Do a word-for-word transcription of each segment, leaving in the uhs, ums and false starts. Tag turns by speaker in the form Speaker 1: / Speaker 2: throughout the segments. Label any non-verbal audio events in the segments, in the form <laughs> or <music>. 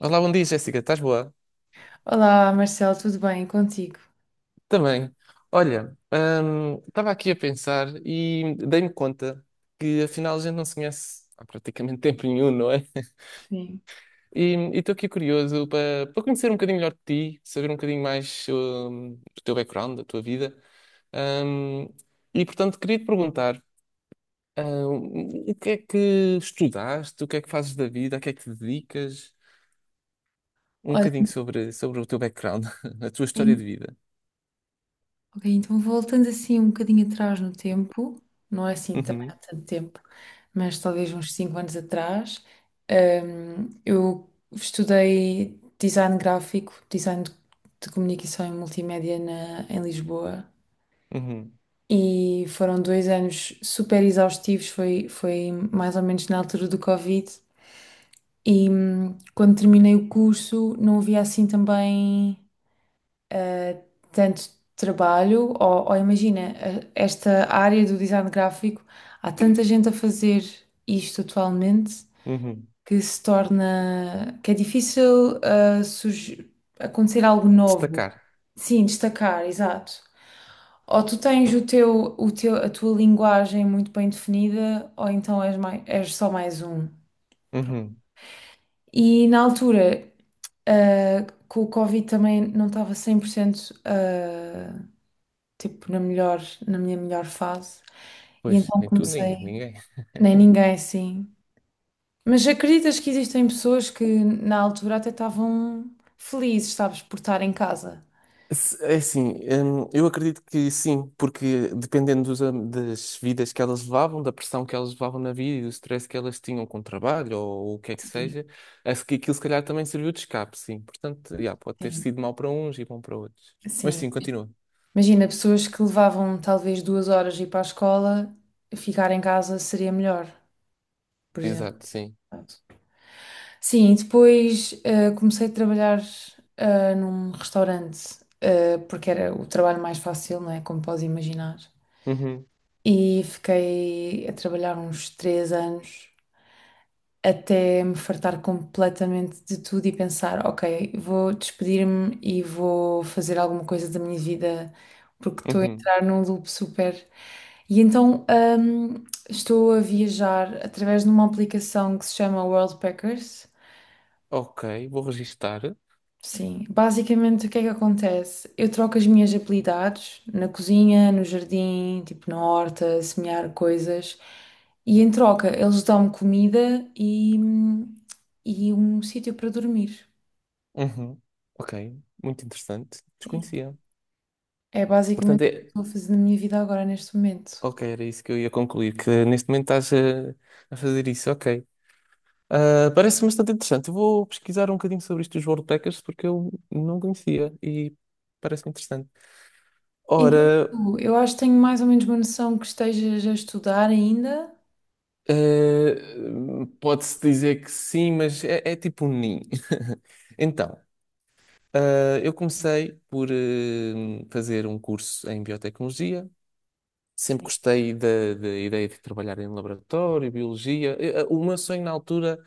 Speaker 1: Olá, bom dia, Jéssica. Estás boa?
Speaker 2: Olá, Marcelo, tudo bem contigo?
Speaker 1: Também. Olha, hum, estava aqui a pensar e dei-me conta que afinal a gente não se conhece há praticamente <laughs> tempo nenhum, não é? <laughs>
Speaker 2: Sim.
Speaker 1: E estou aqui curioso para para conhecer um bocadinho melhor de ti, saber um bocadinho mais hum, do teu background, da tua vida. Hum, e portanto, queria te perguntar, hum, o que é que estudaste, o que é que fazes da vida, a que é que te dedicas? Um
Speaker 2: Olha,
Speaker 1: bocadinho sobre, sobre o teu background, <laughs> a tua história de
Speaker 2: en-
Speaker 1: vida.
Speaker 2: ok, então voltando assim um bocadinho atrás no tempo, não é assim também há
Speaker 1: Uhum.
Speaker 2: tanto tempo, mas talvez uns cinco anos atrás, hum, eu estudei design gráfico, design de, de comunicação e multimédia na, em Lisboa,
Speaker 1: Uhum,
Speaker 2: e foram dois anos super exaustivos, foi, foi mais ou menos na altura do Covid. E hum, quando terminei o curso não havia assim também, eh, tanto trabalho, ou, ou imagina, eh, esta área do design gráfico, há tanta gente a fazer isto atualmente
Speaker 1: uhum.
Speaker 2: que se torna, que é difícil, eh, surgi- acontecer algo novo.
Speaker 1: Destacar.
Speaker 2: Sim, destacar, exato. Ou tu tens o teu, o teu, a tua linguagem muito bem definida, ou então és, mai- és só mais um.
Speaker 1: Uhum.
Speaker 2: E na altura, ah, com o Covid também não estava cem por cento, eh, tipo, na melhor, na minha melhor fase. E
Speaker 1: Pois,
Speaker 2: então
Speaker 1: nem tu, nem
Speaker 2: comecei,
Speaker 1: ninguém.
Speaker 2: nem ninguém assim. Mas acreditas que existem pessoas que na altura até estavam felizes, sabes, por estar em casa?
Speaker 1: Se- É assim, hum, eu acredito que sim, porque dependendo dos am- das vidas que elas levavam, da pressão que elas levavam na vida e do stress que elas tinham com o trabalho ou, o que é que
Speaker 2: Sim,
Speaker 1: seja, acho que aquilo se calhar também serviu de escape, sim. Portanto, já, pode ter
Speaker 2: sim,
Speaker 1: sido mau para uns e bom para outros. Mas
Speaker 2: sim.
Speaker 1: sim, continua.
Speaker 2: Imagina, pessoas que levavam talvez duas horas ir para a escola, ficar em casa seria melhor, por exemplo.
Speaker 1: Exato, sim.
Speaker 2: Pronto. Sim, e depois eh, comecei a trabalhar eh, num restaurante, eh, porque era o trabalho mais fácil, não é? Como podes imaginar.
Speaker 1: Uhum,
Speaker 2: E fiquei a trabalhar uns três anos até me fartar completamente de tudo e pensar, ok, vou despedir-me e vou fazer alguma coisa da minha vida, porque estou a
Speaker 1: uhum.
Speaker 2: entrar num loop super. E então hum, estou a viajar através de uma aplicação que se chama Worldpackers.
Speaker 1: Ok, vou registar.
Speaker 2: Sim, basicamente o que é que acontece? Eu troco as minhas habilidades na cozinha, no jardim, tipo na horta, semear coisas, e em troca eles dão-me comida e, e um sítio para dormir.
Speaker 1: Uhum. Ok, muito interessante.
Speaker 2: Sim,
Speaker 1: Desconhecia.
Speaker 2: é
Speaker 1: Portanto,
Speaker 2: basicamente o que eu
Speaker 1: é,
Speaker 2: estou a fazer na minha vida agora, neste momento.
Speaker 1: Ok, era isso que eu ia concluir, que neste momento estás a, a fazer isso, ok. Ah, parece-me bastante interessante. Eu vou pesquisar um bocadinho sobre isto dos World Packers porque eu não conhecia e parece-me interessante.
Speaker 2: Então, e
Speaker 1: Ora,
Speaker 2: tu? Eu acho que tenho mais ou menos uma noção que estejas a estudar ainda.
Speaker 1: eh, pode-se dizer que sim, mas é, é tipo um ninho. <laughs> Então, ah, eu comecei por eh, fazer um curso em biotecnologia. Sempre
Speaker 2: Sim,
Speaker 1: gostei da da ideia de trabalhar em laboratório, biologia. Eh, eh, O meu sonho na altura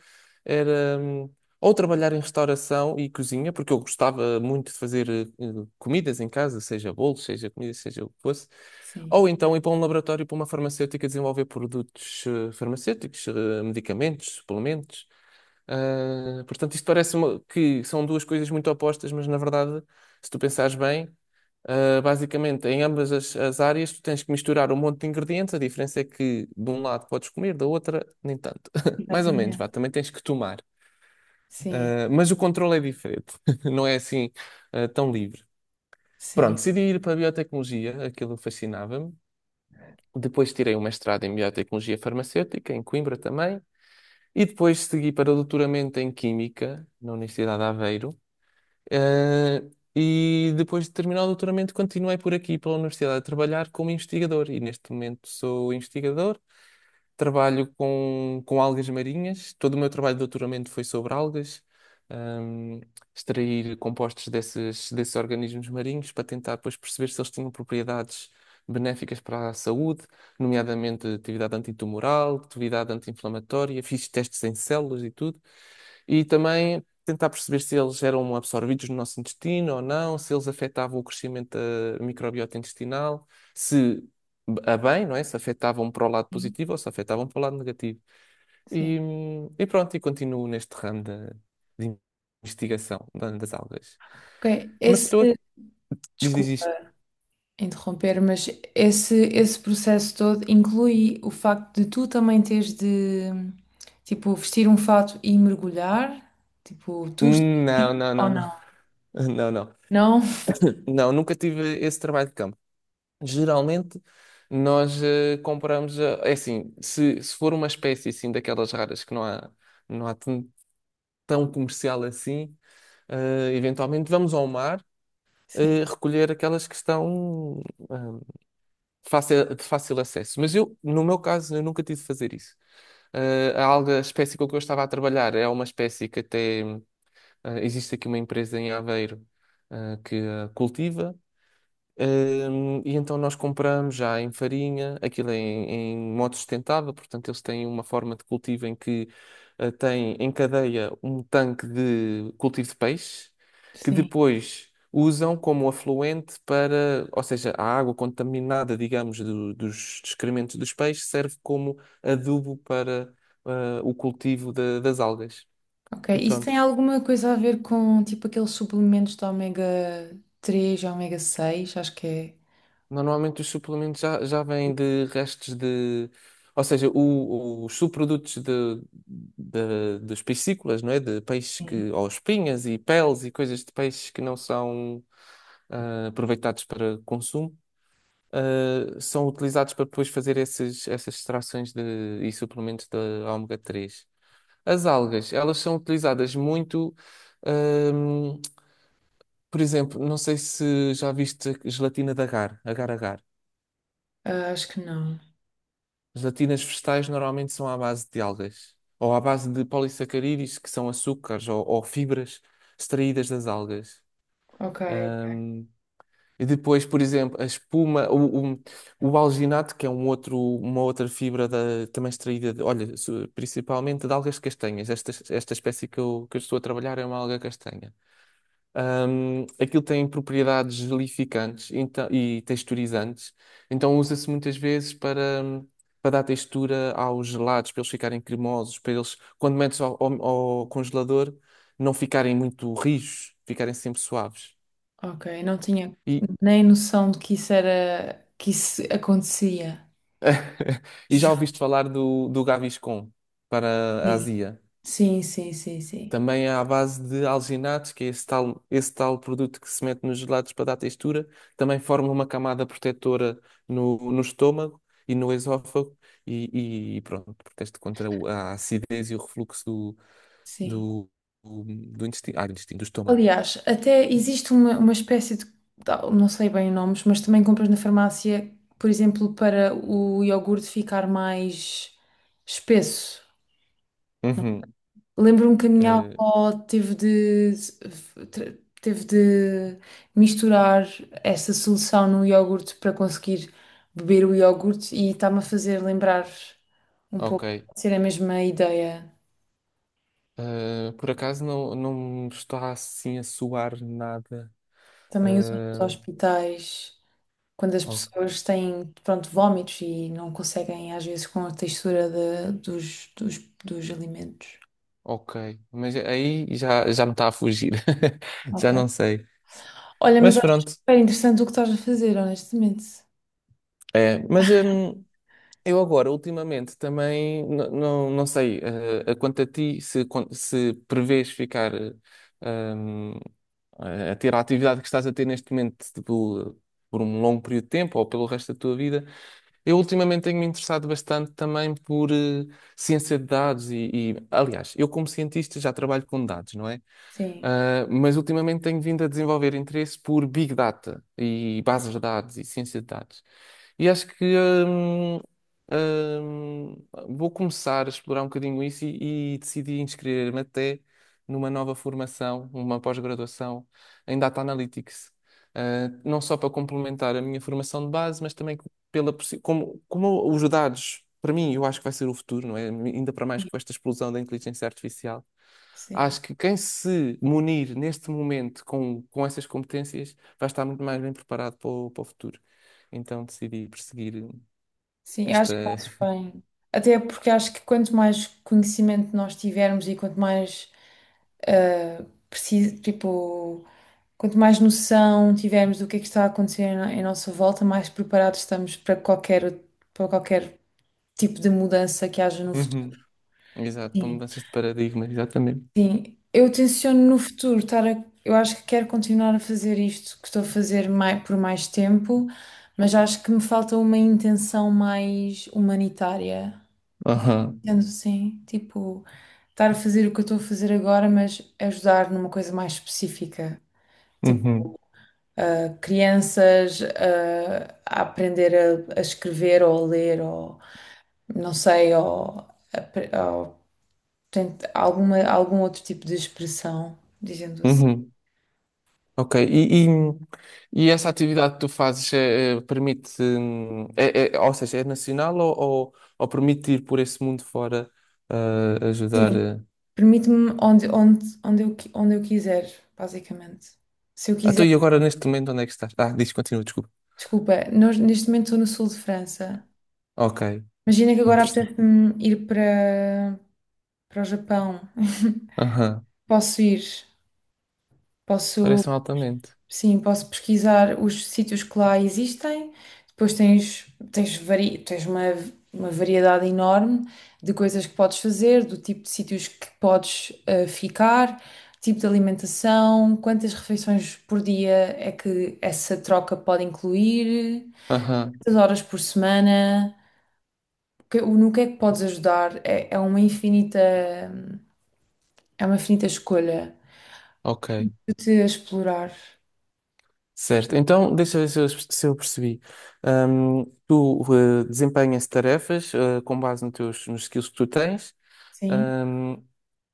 Speaker 1: era hum, ou trabalhar em restauração e cozinha, porque eu gostava muito de fazer eh, eh, comidas em casa, seja bolos, seja comida, seja o que fosse.
Speaker 2: sim,
Speaker 1: Ou então ir para um laboratório, para uma farmacêutica, desenvolver produtos eh, farmacêuticos, eh, medicamentos, suplementos. Ah, portanto, isto parece uma- que são duas coisas muito opostas, mas na verdade, se tu pensares bem. Uh, basicamente, em ambas as, as áreas, tu tens que misturar um monte de ingredientes. A diferença é que de um lado podes comer, da outra, nem tanto. <laughs> Mais ou menos,
Speaker 2: exatamente.
Speaker 1: vá, também tens que tomar.
Speaker 2: Sim,
Speaker 1: Uh, mas o controle é diferente, <laughs> não é assim, uh, tão livre. Pronto,
Speaker 2: sim,
Speaker 1: decidi ir para a biotecnologia, aquilo fascinava-me. Depois tirei um mestrado em biotecnologia farmacêutica, em Coimbra também. E depois segui para o doutoramento em Química, na Universidade de Aveiro. Eh, e depois de terminar o doutoramento, continuei por aqui, pela universidade, a trabalhar como investigador. E neste momento sou investigador. Trabalho com, com algas marinhas. Todo o meu trabalho de doutoramento foi sobre algas, hum, extrair compostos desses, desses organismos marinhos para tentar depois perceber se eles tinham propriedades benéficas para a saúde, nomeadamente atividade antitumoral, atividade anti-inflamatória. Fiz testes em células e tudo. E também tentar perceber se eles eram absorvidos no nosso intestino ou não, se eles afetavam o crescimento da microbiota intestinal, se a bem, não é? Se afetavam para o lado positivo ou se afetavam para o lado negativo.
Speaker 2: sim.
Speaker 1: E, hum, e pronto, e continuo neste ramo da- de, investigação da- das algas.
Speaker 2: Ok,
Speaker 1: Mas estou a...
Speaker 2: esse,
Speaker 1: Diz, diz,
Speaker 2: desculpa
Speaker 1: diz.
Speaker 2: interromper, mas esse, esse processo todo inclui o facto de tu também teres de, tipo, vestir um fato e mergulhar, tipo, tu estás-
Speaker 1: Não, não,
Speaker 2: ou
Speaker 1: não, não.
Speaker 2: não?
Speaker 1: <laughs> Não, não.
Speaker 2: Não?
Speaker 1: Não, nunca tive esse trabalho de campo. Geralmente nós eh, compramos. eh, é assim, se, se for uma espécie assim daquelas raras que não há, não há tão tão comercial assim, eh, eventualmente vamos ao mar
Speaker 2: Sim,
Speaker 1: eh, recolher aquelas que estão ah, fácil- de fácil acesso. Mas eu, no meu caso, eu nunca tive de fazer isso. Ah, a alga, a espécie com que eu estava a trabalhar é uma espécie que até ah, existe aqui uma empresa em Aveiro ah, que a cultiva. Hum, e então nós compramos já em farinha, aquilo é em, em modo sustentável, portanto eles têm uma forma de cultivo em que eh, têm em cadeia um tanque de cultivo de peixe, que
Speaker 2: sim.
Speaker 1: depois usam como afluente para, ou seja, a água contaminada, digamos, do- dos excrementos dos peixes serve como adubo para eh, o cultivo da- das algas.
Speaker 2: Ok,
Speaker 1: E
Speaker 2: isso tem
Speaker 1: pronto.
Speaker 2: alguma coisa a ver com, tipo, aqueles suplementos de ômega três e ômega seis. Acho que é.
Speaker 1: Normalmente os suplementos já, já vêm de restos de. Ou seja, o- os subprodutos de, de- dos piscícolas, não é? De peixes
Speaker 2: Sim.
Speaker 1: que. Ou espinhas e peles e coisas de peixes que não são ah, aproveitados para consumo, ah, são utilizados para depois fazer esses, essas extrações de, e suplementos de ômega três. As algas, elas são utilizadas muito. ahm, por exemplo, não sei se já viste gelatina de agar, agar-agar.
Speaker 2: Ah, acho que não.
Speaker 1: Gelatinas vegetais normalmente são à base de algas, ou à base de polissacarídeos, que são açúcares ou, ou fibras extraídas das algas.
Speaker 2: Ok, ok.
Speaker 1: Ahm, e depois, por exemplo, a espuma, o, o, o alginato, que é um outro, uma outra fibra da, também extraída, de, olha, su- principalmente de algas castanhas. Esta, esta espécie que eu, que eu estou a trabalhar é uma alga castanha. Ahm, aquilo tem propriedades gelificantes então- e texturizantes, então usa-se muitas vezes para, hum, para dar textura aos gelados, para eles ficarem cremosos, para eles, quando metes ao, ao- ao congelador, não ficarem muito rijos, ficarem sempre suaves.
Speaker 2: Ok, não tinha
Speaker 1: E,
Speaker 2: nem noção de que isso era, que isso acontecia.
Speaker 1: <laughs> e já
Speaker 2: Ju-
Speaker 1: ouviste falar do, do Gaviscon para a
Speaker 2: Sim,
Speaker 1: Ásia?
Speaker 2: sim, sim, sim. Sim.
Speaker 1: Também é à base de alginatos, que é esse tal, esse tal produto que se mete nos gelados para dar textura. Também forma uma camada protetora no, no estômago e no esófago. E, e pronto, protege contra o- a acidez e o refluxo do,
Speaker 2: Sim.
Speaker 1: do, do, do intestino, ah, do intestino, do estômago.
Speaker 2: Aliás, até existe uma, uma espécie de, não sei bem os nomes, mas também compras na farmácia, por exemplo, para o iogurte ficar mais espesso.
Speaker 1: Uhum,
Speaker 2: Lembro-me que a minha
Speaker 1: eh,
Speaker 2: avó teve de, tra- teve de misturar essa solução no iogurte para conseguir beber o iogurte, e está-me a fazer lembrar um
Speaker 1: ok.
Speaker 2: pouco, pode ser a mesma ideia.
Speaker 1: Eh, por acaso não, não me está assim a soar nada.
Speaker 2: Também usam
Speaker 1: Eh,
Speaker 2: nos hospitais. Quando as
Speaker 1: o-
Speaker 2: pessoas têm, pronto, vómitos e não conseguem, às vezes, com a textura de- dos, dos, dos alimentos.
Speaker 1: ok, mas aí já, já me está a fugir. <laughs> Já
Speaker 2: Ok.
Speaker 1: não sei.
Speaker 2: Olha, mas
Speaker 1: Mas
Speaker 2: acho
Speaker 1: pronto,
Speaker 2: super interessante o que estás a fazer, honestamente.
Speaker 1: é. Mas hum, eu agora, ultimamente, também n- não, não sei eh, a quanto a ti, se, con- se prevês ficar eh, hum, a ter a atividade que estás a ter neste momento tipo, por um longo período de tempo ou pelo resto da tua vida. Eu ultimamente tenho-me interessado bastante também por eh, ciência de dados e, e, aliás, eu como cientista já trabalho com dados, não é?
Speaker 2: Sim,
Speaker 1: Ah, mas ultimamente tenho vindo a desenvolver interesse por Big Data e bases de dados e ciência de dados. E acho que hum, hum, vou começar a explorar um bocadinho isso e, e decidi inscrever-me até numa nova formação, uma pós-graduação em Data Analytics. Ah, não só para complementar a minha formação de base, mas também pela, possi- como, como os dados, para mim, eu acho que vai ser o futuro, não é? Ainda para mais
Speaker 2: sim,
Speaker 1: com esta explosão da inteligência artificial.
Speaker 2: sim.
Speaker 1: Acho que quem se munir neste momento com, com essas competências vai estar muito mais bem preparado para o, para o futuro. Então decidi perseguir
Speaker 2: Sim, eu acho
Speaker 1: esta.
Speaker 2: que fazes
Speaker 1: <laughs>
Speaker 2: bem. Até porque acho que quanto mais conhecimento nós tivermos e quanto mais ah, preciso, tipo, quanto mais noção tivermos do que é que está a acontecer em em nossa volta, mais preparados estamos para qualquer, para qualquer tipo de mudança que haja no futuro.
Speaker 1: Uhum. Exato, para
Speaker 2: Sim,
Speaker 1: mudanças de paradigma, exatamente.
Speaker 2: sim. Eu tenciono no futuro estar a- Eu acho que quero continuar a fazer isto que estou a fazer mai- por mais tempo, mas acho que me falta uma intenção mais humanitária.
Speaker 1: Aham.
Speaker 2: Sendo assim, tipo, estar a fazer o que eu estou a fazer agora, mas ajudar numa coisa mais específica.
Speaker 1: Uhum.
Speaker 2: Tipo, a crianças a, a aprender a, a escrever ou a ler ou não sei, ou, portanto, alguma, algum outro tipo de expressão, dizendo assim.
Speaker 1: Uhum. Ok. E, e, e essa atividade que tu fazes é, é, permite. hum, É, é- ou seja, é nacional ou, ou, ou permite ir por esse mundo fora ah, ajudar?
Speaker 2: Sim,
Speaker 1: eh,
Speaker 2: permite-me onde, onde, onde, eu, qui- onde eu quiser, basicamente. Se eu
Speaker 1: Ah, tu
Speaker 2: quiser,
Speaker 1: e agora neste momento onde é que estás? Ah, diz, continua, desculpa.
Speaker 2: desculpa, nós- neste momento estou no sul de França.
Speaker 1: Ok,
Speaker 2: Imagina que agora
Speaker 1: interessante.
Speaker 2: apetece-me ir para, para o Japão. <laughs>
Speaker 1: Aham.
Speaker 2: Posso ir, posso.
Speaker 1: Parece-me altamente.
Speaker 2: Sim, posso pesquisar os sítios que lá existem. Depois tens, tens, vari, tens uma, uma variedade enorme de coisas que podes fazer, do tipo de sítios que podes eh, ficar, tipo de alimentação, quantas refeições por dia é que essa troca pode incluir,
Speaker 1: Aham.
Speaker 2: quantas horas por semana, que- o- no que é que podes ajudar. É, é uma infinita, é uma infinita escolha
Speaker 1: Ok.
Speaker 2: de te explorar.
Speaker 1: Certo, então deixa eu ver se eu, se eu percebi. Ahm, tu eh, desempenhas tarefas eh, com base nos teus, nos skills que tu tens,
Speaker 2: Sim.
Speaker 1: ahm,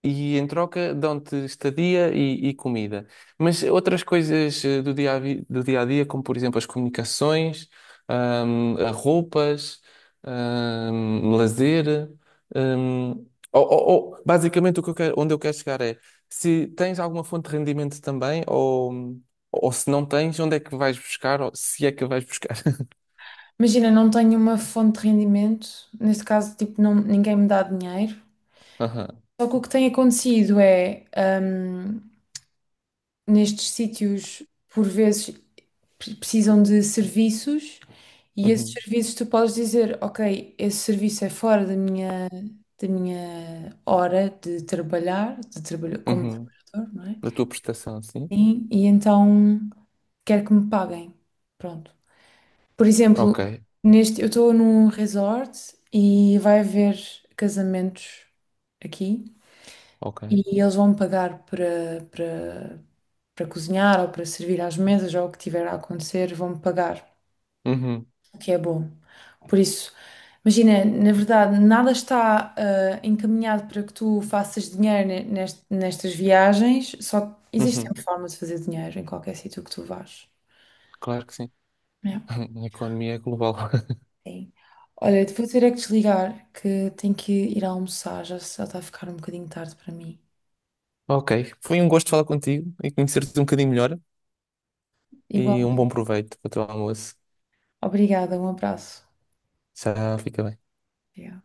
Speaker 1: e em troca dão-te estadia e, e comida. Mas outras coisas eh, do dia a, vi- do dia a dia, como por exemplo as comunicações, ahm, a roupas, ahm, lazer. ahm, ou- ou- ou, basicamente, o que eu quero- onde eu quero chegar é se tens alguma fonte de rendimento também, ou. Ou se não tens, onde é que vais buscar? Ou se é que vais buscar? <laughs>
Speaker 2: Imagina, não tenho uma fonte de rendimento, neste caso, tipo, não, ninguém me dá dinheiro.
Speaker 1: Aham.
Speaker 2: Só que o que tem acontecido é, hum, nestes sítios, por vezes, pre- precisam de serviços, e esses
Speaker 1: Uhum.
Speaker 2: serviços tu podes dizer, ok, esse serviço é fora da minha, da minha hora de trabalhar, de trabalho, como
Speaker 1: Uhum.
Speaker 2: trabalhador, não é?
Speaker 1: Da tua prestação, sim?
Speaker 2: E, e então quero que me paguem. Pronto. Por exemplo,
Speaker 1: Ok.
Speaker 2: neste, eu estou num resort e vai haver casamentos aqui,
Speaker 1: Ok.
Speaker 2: e eles vão me pagar para, para, para cozinhar ou para servir às mesas ou o que tiver a acontecer, vão me pagar,
Speaker 1: Uhum.
Speaker 2: o que é bom. Por isso, imagina, na verdade, nada está ah, encaminhado para que tu faças dinheiro ne- nest- nestas viagens, só existe
Speaker 1: Uhum.
Speaker 2: sempre forma de fazer dinheiro em qualquer sítio que tu vás.
Speaker 1: Claro que sim.
Speaker 2: É.
Speaker 1: <laughs> A economia é global. <laughs>
Speaker 2: Sim. Olha, vou ter é que desligar, que tenho que ir almoçar, já já está a ficar um bocadinho tarde para mim.
Speaker 1: Ok. Foi um gosto falar contigo e conhecer-te um bocadinho melhor. E
Speaker 2: Igual.
Speaker 1: um bom proveito para o teu almoço.
Speaker 2: Obrigada, um abraço.
Speaker 1: Já fica bem.
Speaker 2: Obrigada.